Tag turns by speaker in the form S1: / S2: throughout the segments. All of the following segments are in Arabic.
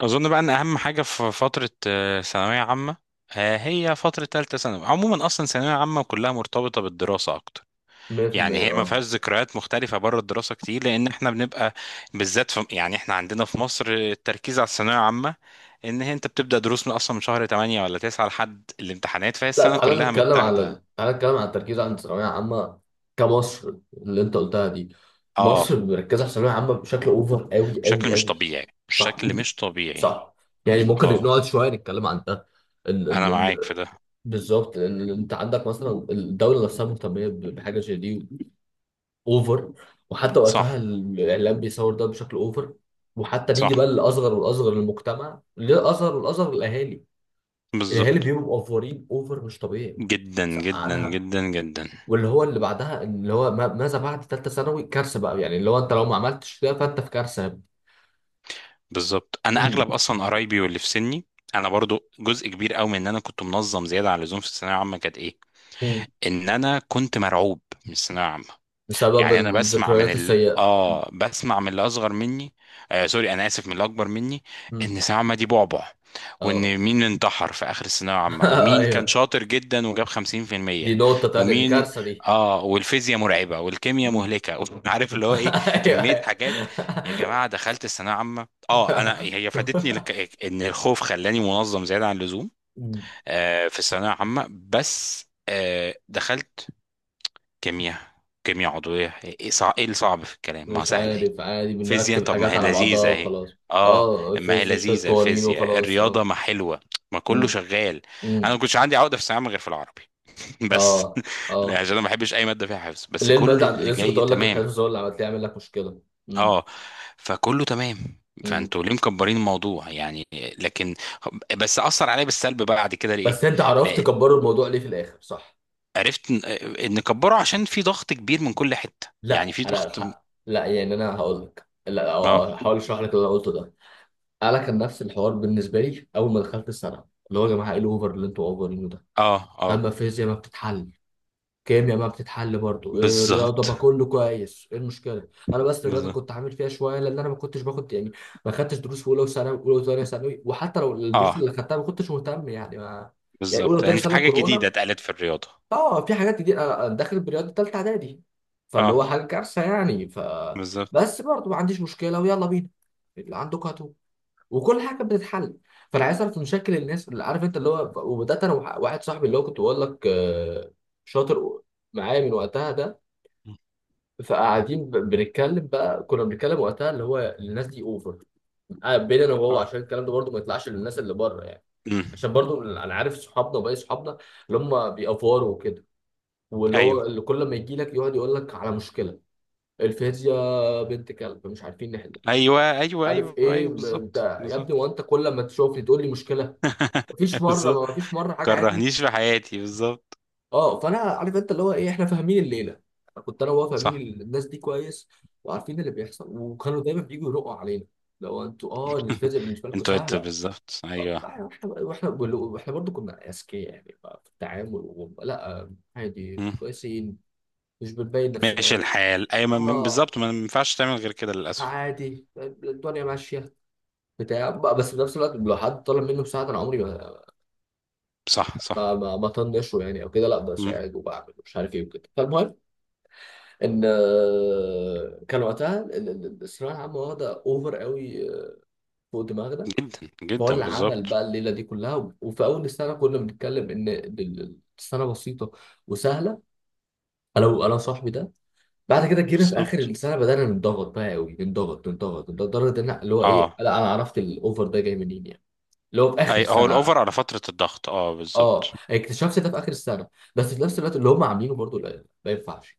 S1: اظن بقى ان اهم حاجه في فتره ثانويه عامه، هي فتره ثالثه ثانوي. عموما اصلا ثانويه عامه كلها مرتبطه بالدراسه اكتر، يعني
S2: 100%
S1: هي ما
S2: اه.
S1: فيهاش ذكريات مختلفه بره الدراسه كتير، لان احنا بنبقى بالذات في، يعني احنا عندنا في مصر التركيز على الثانويه العامه، ان هي انت بتبدا دروس من اصلا من شهر 8 ولا 9 لحد الامتحانات، فهي
S2: لا،
S1: السنه
S2: تعالى
S1: كلها
S2: نتكلم على
S1: متاخده.
S2: تعالى نتكلم على التركيز عند الثانويه العامه كمصر اللي انت قلتها دي.
S1: اه،
S2: مصر مركزه على الثانويه العامه بشكل اوفر قوي قوي
S1: بشكل مش
S2: قوي.
S1: طبيعي،
S2: صح
S1: بشكل مش طبيعي.
S2: صح. يعني ممكن
S1: اه،
S2: نقعد شويه نتكلم عن ده. ان ان
S1: انا
S2: ان
S1: معاك في ده.
S2: بالظبط، ان انت عندك مثلا الدوله نفسها مهتميه بحاجه زي دي اوفر، وحتى
S1: صح،
S2: وقتها الاعلام بيصور ده بشكل اوفر، وحتى
S1: صح،
S2: نيجي بقى للاصغر والاصغر للمجتمع، للاصغر والاصغر للاهالي. الهلال
S1: بالظبط.
S2: بيبقوا مقفورين اوفر مش طبيعي.
S1: جدا جدا
S2: سقعنها.
S1: جدا جدا.
S2: واللي هو اللي بعدها اللي هو ماذا بعد ثالثه ثانوي كارثه بقى، يعني اللي هو انت لو ما عملتش كده فانت في كارثه.
S1: بالظبط، انا
S2: مم.
S1: اغلب اصلا قرايبي واللي في سني، انا برضو جزء كبير قوي من ان انا كنت منظم زياده عن اللزوم في الثانويه العامه كانت
S2: مم.
S1: ان انا كنت مرعوب من الثانويه العامه.
S2: بسبب
S1: يعني انا
S2: الذكريات السيئه. مم.
S1: بسمع من اللي اصغر مني، سوري، انا اسف، من اللي اكبر مني،
S2: مم.
S1: ان سلامة دي بعبع،
S2: اه.
S1: وان مين انتحر في اخر الثانويه العامه، ومين كان
S2: ايوه،
S1: شاطر جدا وجاب
S2: دي
S1: 50%،
S2: نقطه تانيه، دي
S1: ومين
S2: كارثه دي.
S1: اه والفيزياء مرعبه والكيمياء
S2: مم.
S1: مهلكه عارف اللي هو ايه.
S2: ايوه
S1: كميه
S2: أيوة.
S1: حاجات يا جماعه، دخلت الثانويه العامه، انا هي ان الخوف خلاني منظم زياده عن اللزوم،
S2: مم.
S1: في الثانويه العامه بس. دخلت كيمياء كيمياء عضوية، إيه الصعب في الكلام؟ ما هو
S2: مش
S1: سهل اهي.
S2: عارف، عادي،
S1: فيزياء،
S2: بنركب
S1: طب ما
S2: حاجات
S1: هي
S2: على بعضها
S1: لذيذة اهي.
S2: وخلاص.
S1: اه،
S2: اه
S1: ما هي
S2: الفيزياء شويه
S1: لذيذة
S2: قوانين
S1: الفيزياء،
S2: وخلاص.
S1: الرياضة
S2: اه.
S1: ما حلوة، ما كله
S2: مم.
S1: شغال. انا
S2: مم.
S1: ما كنتش عندي عقدة في الثانوية عامة غير في العربي بس.
S2: اه
S1: لا،
S2: اه.
S1: عشان انا ما بحبش اي مادة فيها حفظ، بس
S2: ليه المواد
S1: كل اللي
S2: لسه كنت
S1: جاي
S2: اقول لك
S1: تمام.
S2: الحفظ هو اللي عملت لي عامل لك مشكله. امم
S1: اه، فكله تمام،
S2: امم.
S1: فانتوا ليه مكبرين الموضوع يعني؟ لكن، بس اثر عليا بالسلب بقى بعد كده، ليه؟
S2: بس انت عرفت
S1: لا،
S2: تكبر الموضوع ليه في الاخر، صح؟
S1: عرفت ان إن كبره عشان في ضغط كبير من كل حتة، يعني
S2: لا،
S1: في ضغط.
S2: لا يعني انا هقول لك، لا
S1: اه،
S2: هحاول اشرح لك اللي انا قلته ده. انا كان نفس الحوار بالنسبه لي اول ما دخلت السنه، اللي هو يا جماعه ايه الاوفر اللي انتوا اوفرينه ده؟
S1: اه، اه،
S2: لما الفيزياء ما بتتحل، كيمياء بقى بتتحل، برضو رياضه
S1: بالظبط،
S2: بقى كله كويس، ايه المشكله؟ انا بس الرياضه
S1: بالظبط،
S2: كنت عامل فيها شويه، لان انا ما كنتش باخد يعني، ما خدتش دروس في اولى وثانوي، اولى وثانيه ثانوي، وحتى لو الدروس
S1: اه،
S2: اللي خدتها ما كنتش مهتم يعني ما. يعني اولى
S1: بالظبط،
S2: وثانيه
S1: يعني في
S2: ثانوي
S1: حاجة جديدة
S2: كورونا.
S1: اتقالت في الرياضة.
S2: اه في حاجات كتير، انا أنا داخل برياضه ثالثه اعدادي، فاللي
S1: اه،
S2: هو حاجه كارثه يعني ف.
S1: بالظبط،
S2: بس برضو ما عنديش مشكله، ويلا بينا، اللي عندك هاتوا، وكل حاجه بتتحل. فانا عايز اعرف مشاكل الناس، اللي عارف انت اللي هو، وبدات انا واحد صاحبي اللي هو كنت بقول لك شاطر معايا من وقتها ده، فقاعدين بنتكلم بقى، كنا بنتكلم وقتها اللي هو الناس دي اوفر، بين انا وهو،
S1: اه،
S2: عشان الكلام ده برضو ما يطلعش للناس اللي بره يعني.
S1: امم
S2: عشان برضو انا عارف صحابنا وباقي صحابنا اللي هم بيأفوروا وكده، واللي هو
S1: ايوه،
S2: اللي كل ما يجي لك يقعد يقول لك على مشكله. الفيزياء بنت كلب مش عارفين نحلها.
S1: ايوه، ايوه،
S2: عارف
S1: ايوه،
S2: ايه
S1: ايوه، بالظبط،
S2: ده يا
S1: بالظبط.
S2: ابني، وانت كل ما تشوفني تقول لي مشكله. مفيش مره
S1: بالظبط،
S2: ما مفيش مره حاجه عدله.
S1: كرهنيش في حياتي، بالظبط.
S2: اه فانا عارف انت اللي هو ايه، احنا فاهمين الليله، كنت انا وهو فاهمين.
S1: صح،
S2: الناس دي كويس، وعارفين اللي بيحصل، وكانوا دايما بييجوا يرقوا علينا، لو انتوا اه الفيزياء بالنسبه لكم
S1: انت قلت
S2: سهله.
S1: بالظبط، ايوه.
S2: واحنا واحنا، واحنا برضه كنا اذكياء يعني بقى في التعامل لا عادي
S1: مم.
S2: كويسين، مش بنبين نفسنا
S1: ماشي
S2: قوي.
S1: الحال، ايوه،
S2: اه
S1: بالظبط، ما ينفعش تعمل غير كده للاسف.
S2: عادي، الدنيا ماشيه بتاع بقى. بس في نفس الوقت لو حد طلب مني مساعده انا عمري ما
S1: صح،
S2: ما
S1: صح.
S2: ما ما طنشه يعني او كده، لا
S1: مم.
S2: بساعده وبعمل مش عارف ايه وكده. فالمهم ان كان وقتها الثانويه العامه واخده اوفر قوي، فوق دماغنا.
S1: جدا
S2: فهو
S1: جدا،
S2: اللي عمل
S1: بالظبط.
S2: بقى الليله دي كلها، وفي اول السنه كنا بنتكلم ان السنه بسيطه وسهله، انا وصاحبي ده. بعد كده جينا في اخر
S1: بالظبط،
S2: السنه بدانا نتضغط بقى قوي، نتضغط نتضغط نتضغط، لدرجه ان اللي هو ايه،
S1: اه،
S2: لا انا عرفت الاوفر ده جاي منين يعني، اللي هو في اخر
S1: اي هو
S2: السنه.
S1: الاوفر على فترة الضغط، اه، بالظبط.
S2: اه اكتشفت ده في اخر السنه. بس في نفس الوقت اللي هم عاملينه برضو لا ما ينفعش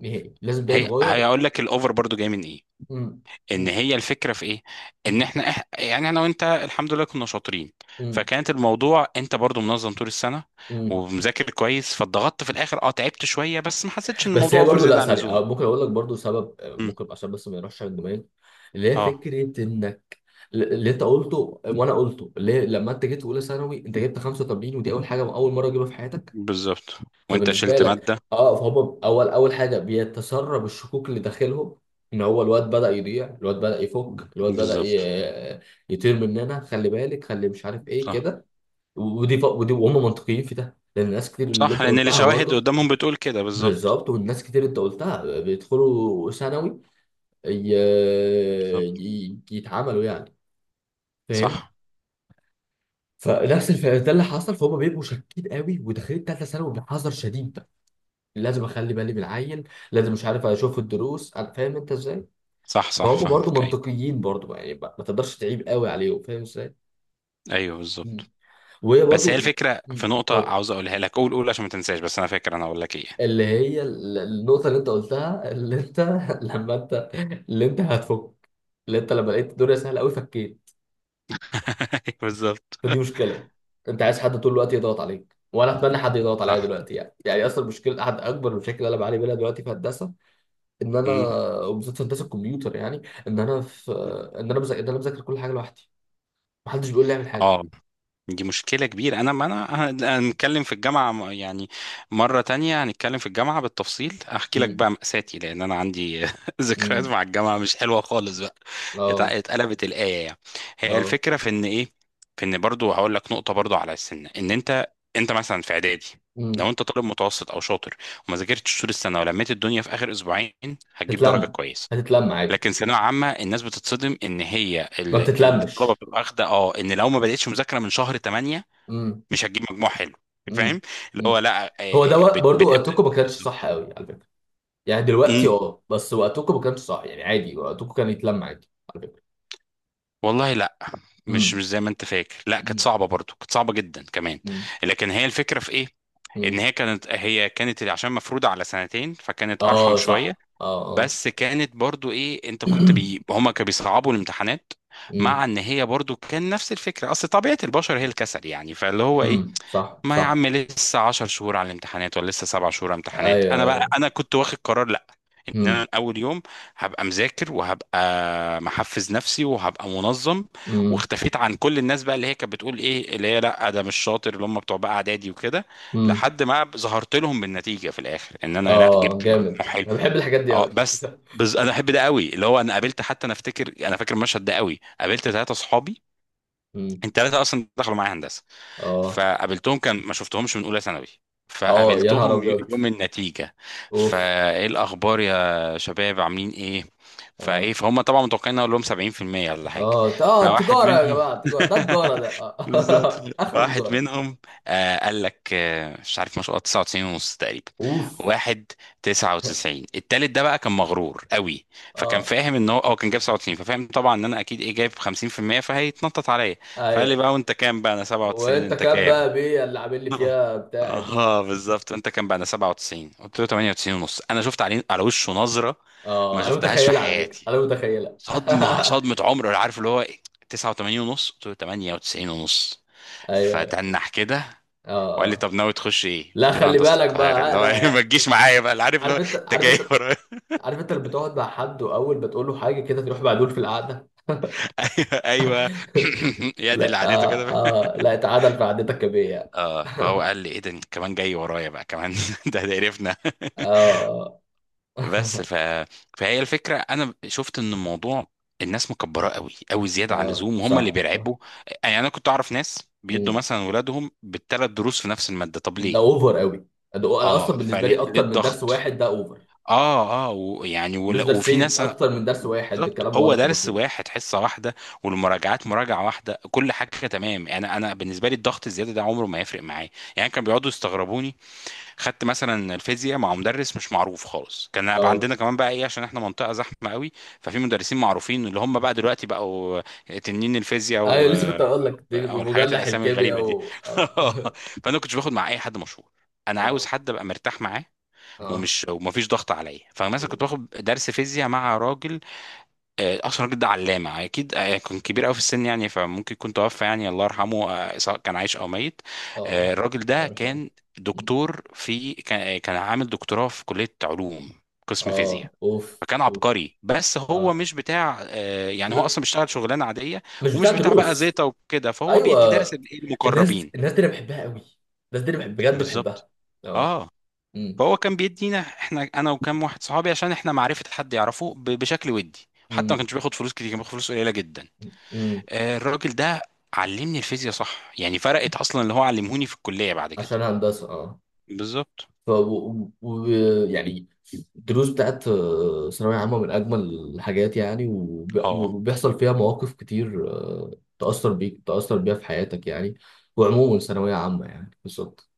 S2: نهائي، لازم ده
S1: هي
S2: يتغير.
S1: هيقول لك الاوفر برضو جاي من ايه؟
S2: م-
S1: ان
S2: م-
S1: هي الفكره في ايه؟ ان احنا يعني انا وانت الحمد لله كنا شاطرين،
S2: م-
S1: فكانت الموضوع انت برضو منظم طول السنه
S2: مم.
S1: ومذاكر كويس، فاتضغطت في الاخر، تعبت شويه، بس ما حسيتش ان
S2: بس
S1: الموضوع
S2: هي
S1: اوفر
S2: برضو لا
S1: زياده عن
S2: سوري
S1: اللزوم.
S2: أو ممكن اقول لك برضو سبب
S1: مم.
S2: ممكن عشان بس ما يروحش على الجمال، اللي هي
S1: اه،
S2: فكره انك اللي انت قلته وانا قلته، اللي هي لما انت جيت اولى ثانوي انت جبت 85، ودي اول حاجه اول مره اجيبها في حياتك،
S1: بالظبط، وانت
S2: فبالنسبه
S1: شلت
S2: لك
S1: ماده،
S2: اه. فهم اول اول حاجه بيتسرب الشكوك اللي داخلهم، ان هو الواد بدا يضيع، الواد بدا يفك، الواد بدا
S1: بالظبط.
S2: يطير مننا، خلي بالك، خلي مش عارف ايه
S1: صح،
S2: كده. ودي وهم منطقيين في ده، لان ناس كتير اللي
S1: صح،
S2: انت
S1: لان
S2: قلتها
S1: الشواهد
S2: برضو.
S1: قدامهم بتقول كده، بالظبط.
S2: بالظبط، والناس كتير انت قلتها بيدخلوا ثانوي ي-
S1: بالظبط،
S2: يتعاملوا يعني، فاهم.
S1: صح،
S2: ده اللي حصل، فهم بيبقوا شاكين قوي وداخلين ثالثه ثانوي بحذر شديد. لازم اخلي بالي من العيل، لازم مش عارف اشوف الدروس، انا فاهم انت ازاي.
S1: صح، صح،
S2: فهم برضو
S1: فاهمك، ايوه،
S2: منطقيين برضو يعني، ما ما تقدرش تعيب قوي عليهم، فاهم ازاي.
S1: ايوه،
S2: مم.
S1: بالظبط.
S2: وهي
S1: بس هي
S2: برضو.
S1: الفكره في
S2: مم.
S1: نقطه
S2: اتفضل.
S1: عاوز اقولها لك، قول قول عشان ما تنساش، بس انا فاكر انا اقول لك ايه.
S2: اللي هي النقطه اللي انت قلتها، اللي انت لما انت، اللي انت هتفك، اللي انت لما لقيت الدنيا سهله قوي فكيت،
S1: بالظبط،
S2: فدي مشكله. انت عايز حد طول الوقت يضغط عليك، وانا اتمنى حد يضغط عليا
S1: صح.
S2: دلوقتي يعني، يعني اصلا المشكله، احد اكبر المشاكل اللي انا بعاني منها دلوقتي في هندسه، ان انا،
S1: مم.
S2: وبالذات في هندسه الكمبيوتر يعني، ان انا في، ان انا بذاكر، ان انا بذاكر كل حاجه لوحدي، محدش بيقول لي اعمل حاجه.
S1: اه، دي مشكلة كبيرة، انا ما انا هنتكلم في الجامعة، يعني مرة تانية هنتكلم في الجامعة بالتفصيل، احكي لك
S2: امم
S1: بقى مأساتي، لان انا عندي ذكريات
S2: امم.
S1: مع الجامعة مش حلوة خالص بقى.
S2: اه
S1: اتقلبت الآية يعني. هي
S2: اه.
S1: الفكرة في ان ايه؟ في ان برضو هقول لك نقطة برضو على السن، ان انت مثلا في اعدادي، لو
S2: امم.
S1: انت طالب متوسط او شاطر وما ذاكرتش طول السنة ولميت الدنيا في اخر اسبوعين، هتجيب درجة
S2: تتلم،
S1: كويسة.
S2: هتتلم عادي.
S1: لكن ثانويه عامه الناس بتتصدم ان هي
S2: ما
S1: الطلبه
S2: بتتلمش.
S1: بتبقى واخده، ان لو ما بداتش مذاكره من شهر 8
S2: امم
S1: مش هتجيب مجموع حلو،
S2: امم
S1: فاهم؟ اللي
S2: امم.
S1: هو لا،
S2: هو ده برضو
S1: بتبدا،
S2: وقتكم ما كانش صح
S1: بالظبط،
S2: قوي على فكره، يعني دلوقتي
S1: امم
S2: اه، بس وقتكم ما كانش صح يعني، عادي وقتكم كان يتلم عادي على فكره.
S1: والله لا، مش زي ما انت فاكر، لا، كانت
S2: امم.
S1: صعبه برضو، كانت صعبه جدا كمان.
S2: مم.
S1: لكن هي الفكره في ايه؟ ان
S2: مم.
S1: هي كانت عشان مفروضه على سنتين، فكانت ارحم
S2: اه
S1: شويه.
S2: صح اه اه.
S1: بس كانت برضو ايه، هما كانوا بيصعبوا الامتحانات، مع
S2: مم.
S1: ان هي برضو كان نفس الفكره، اصل طبيعه البشر هي الكسل، يعني فاللي هو ايه،
S2: مم. صح
S1: ما يا
S2: صح.
S1: عم لسه 10 شهور على الامتحانات، ولا لسه 7 شهور على الامتحانات،
S2: ايوه
S1: انا بقى
S2: ايوه.
S1: انا كنت واخد قرار لا، ان انا
S2: مم.
S1: من اول يوم هبقى مذاكر وهبقى محفز نفسي وهبقى منظم،
S2: مم.
S1: واختفيت عن كل الناس بقى اللي هي كانت بتقول ايه، اللي هي لا ده مش شاطر، اللي هم بتوع بقى اعدادي وكده،
S2: مم.
S1: لحد ما ظهرت لهم بالنتيجه في الاخر ان انا لا
S2: اه
S1: جبت مجموع
S2: جامد،
S1: حلو.
S2: انا بحب الحاجات دي
S1: اه،
S2: قوي.
S1: بس. بس انا احب ده قوي، اللي هو انا قابلت، حتى انا افتكر، انا فاكر المشهد ده قوي، قابلت ثلاثه صحابي، الثلاثه اصلا دخلوا معايا هندسه.
S2: اه
S1: فقابلتهم، كان ما شفتهمش من اولى ثانوي،
S2: اه. يا نهار
S1: فقابلتهم
S2: ابيض!
S1: يوم النتيجة.
S2: اوف.
S1: فايه الاخبار يا شباب، عاملين ايه؟
S2: اه
S1: فهم طبعا متوقعين اقول لهم 70% ولا حاجة.
S2: اه اه
S1: فواحد
S2: تجارة يا
S1: منهم
S2: جماعة، تجارة ده، تجارة ده
S1: بالظبط،
S2: آه. اخر
S1: واحد
S2: تجارة.
S1: منهم قال لك، مش عارف، ما شاء الله، 99 ونص تقريبا.
S2: اوف.
S1: واحد 99، التالت ده بقى كان مغرور قوي، فكان
S2: اه.
S1: فاهم ان هو كان جايب 97، ففاهم طبعا ان انا اكيد جايب 50%، فهيتنطط عليا، فقال لي
S2: ايوه.
S1: بقى: وانت كام بقى؟ انا 97،
S2: وانت
S1: انت
S2: كاب
S1: كام؟
S2: بقى بيه اللي عامل لي
S1: اه،
S2: فيها بتاعت.
S1: بالظبط، انت كام بقى؟ انا 97، قلت له 98 ونص. انا شفت عليه على وشه نظره ما
S2: اه انا
S1: شفتهاش في
S2: متخيلة على فكرة،
S1: حياتي،
S2: انا متخيلة.
S1: صدمه صدمه عمر، ولا عارف اللي هو ايه، 89 ونص، قلت له 98 ونص،
S2: ايوه.
S1: فتنح كده،
S2: اه
S1: وقال لي:
S2: اه.
S1: طب ناوي تخش ايه؟
S2: لا
S1: قلت له
S2: خلي
S1: هندسه
S2: بالك
S1: القاهره،
S2: بقى،
S1: اللي هو ما
S2: لا.
S1: تجيش معايا بقى، اللي عارف، اللي هو
S2: عارف انت،
S1: انت
S2: عارف
S1: جاي
S2: انت،
S1: ورايا.
S2: عارف انت اللي بتقعد مع حد، واول ما تقول له حاجه كده تروح معدول في القعده.
S1: ايوه، ايوه. يا دي اللي
S2: لا
S1: عادته
S2: آه،
S1: كده.
S2: آه لا اتعادل في قعدتك يا بيه.
S1: اه، فهو قال لي: ايه ده؟ انت كمان جاي ورايا بقى كمان. ده قرفنا.
S2: اه.
S1: بس فهي الفكره انا شفت ان الموضوع، الناس مكبراه قوي قوي زياده عن
S2: اه
S1: اللزوم، وهم اللي
S2: صح صح.
S1: بيرعبوا. يعني انا كنت اعرف ناس بيدوا
S2: مم.
S1: مثلا ولادهم بالثلاث دروس في نفس الماده، طب
S2: ده
S1: ليه؟
S2: اوفر قوي، ده انا اصلا
S1: اه،
S2: بالنسبه
S1: فليه
S2: لي
S1: ليه
S2: اكتر من درس
S1: الضغط؟
S2: واحد ده اوفر.
S1: اه، اه، ويعني
S2: مش
S1: وفي
S2: درسين،
S1: ناس،
S2: اكتر من درس واحد
S1: بالظبط
S2: الكلام
S1: هو
S2: واضح
S1: درس
S2: وبسيط.
S1: واحد، حصه واحده، والمراجعات مراجعه واحده، كل حاجه تمام، يعني انا بالنسبه لي الضغط الزياده ده عمره ما يفرق معايا، يعني كانوا بيقعدوا يستغربوني. خدت مثلا الفيزياء مع مدرس مش معروف خالص، كان بقى
S2: اه.
S1: عندنا كمان بقى عشان احنا منطقه زحمه قوي، ففي مدرسين معروفين اللي هم بقى دلوقتي بقوا تنين الفيزياء
S2: ايوه لسه كنت هقول لك دي
S1: او الحاجات
S2: مجلح
S1: الاسامي
S2: الكيمياء
S1: الغريبه دي
S2: و اه.
S1: فانا كنتش باخد مع اي حد مشهور، انا عاوز
S2: اه
S1: حد ابقى مرتاح معاه،
S2: اه
S1: ومفيش ضغط عليا، فمثلا كنت باخد درس فيزياء مع راجل، اصلا الراجل ده علامه اكيد، كان كبير قوي في السن، يعني فممكن يكون توفى يعني، الله يرحمه، سواء كان عايش او ميت،
S2: اه.
S1: الراجل ده
S2: الله يرحمه.
S1: كان دكتور، في كان آه، كان عامل دكتوراه في كليه علوم، قسم
S2: اه
S1: فيزياء،
S2: اوف
S1: فكان
S2: اوف.
S1: عبقري، بس هو
S2: اه
S1: مش بتاع يعني هو
S2: م...
S1: اصلا بيشتغل شغلانه عاديه،
S2: مش بتاع
S1: ومش بتاع بقى
S2: دروس.
S1: زيطه وكده، فهو
S2: ايوه،
S1: بيدي درس للإيه؟
S2: الناس
S1: المقربين.
S2: الناس دي انا بحبها قوي، الناس دي انا بحب بجد
S1: بالظبط،
S2: بحبها. اه.
S1: اه،
S2: امم
S1: فهو كان بيدينا احنا، انا وكام واحد صحابي، عشان احنا معرفه حد يعرفه بشكل ودي، حتى ما
S2: امم
S1: كانش بياخد فلوس كتير، كان بياخد فلوس قليله جدا،
S2: امم.
S1: الراجل ده علمني الفيزياء صح يعني، فرقت اصلا اللي هو علمهوني في الكليه بعد كده،
S2: عشان هندسه اه.
S1: بالظبط،
S2: ف يعني الدروس بتاعت ثانويه عامه من اجمل الحاجات يعني،
S1: اه.
S2: وبيحصل فيها مواقف كتير تاثر بيك، تاثر بيها في حياتك يعني. وعموما ثانويه عامه يعني، بالظبط.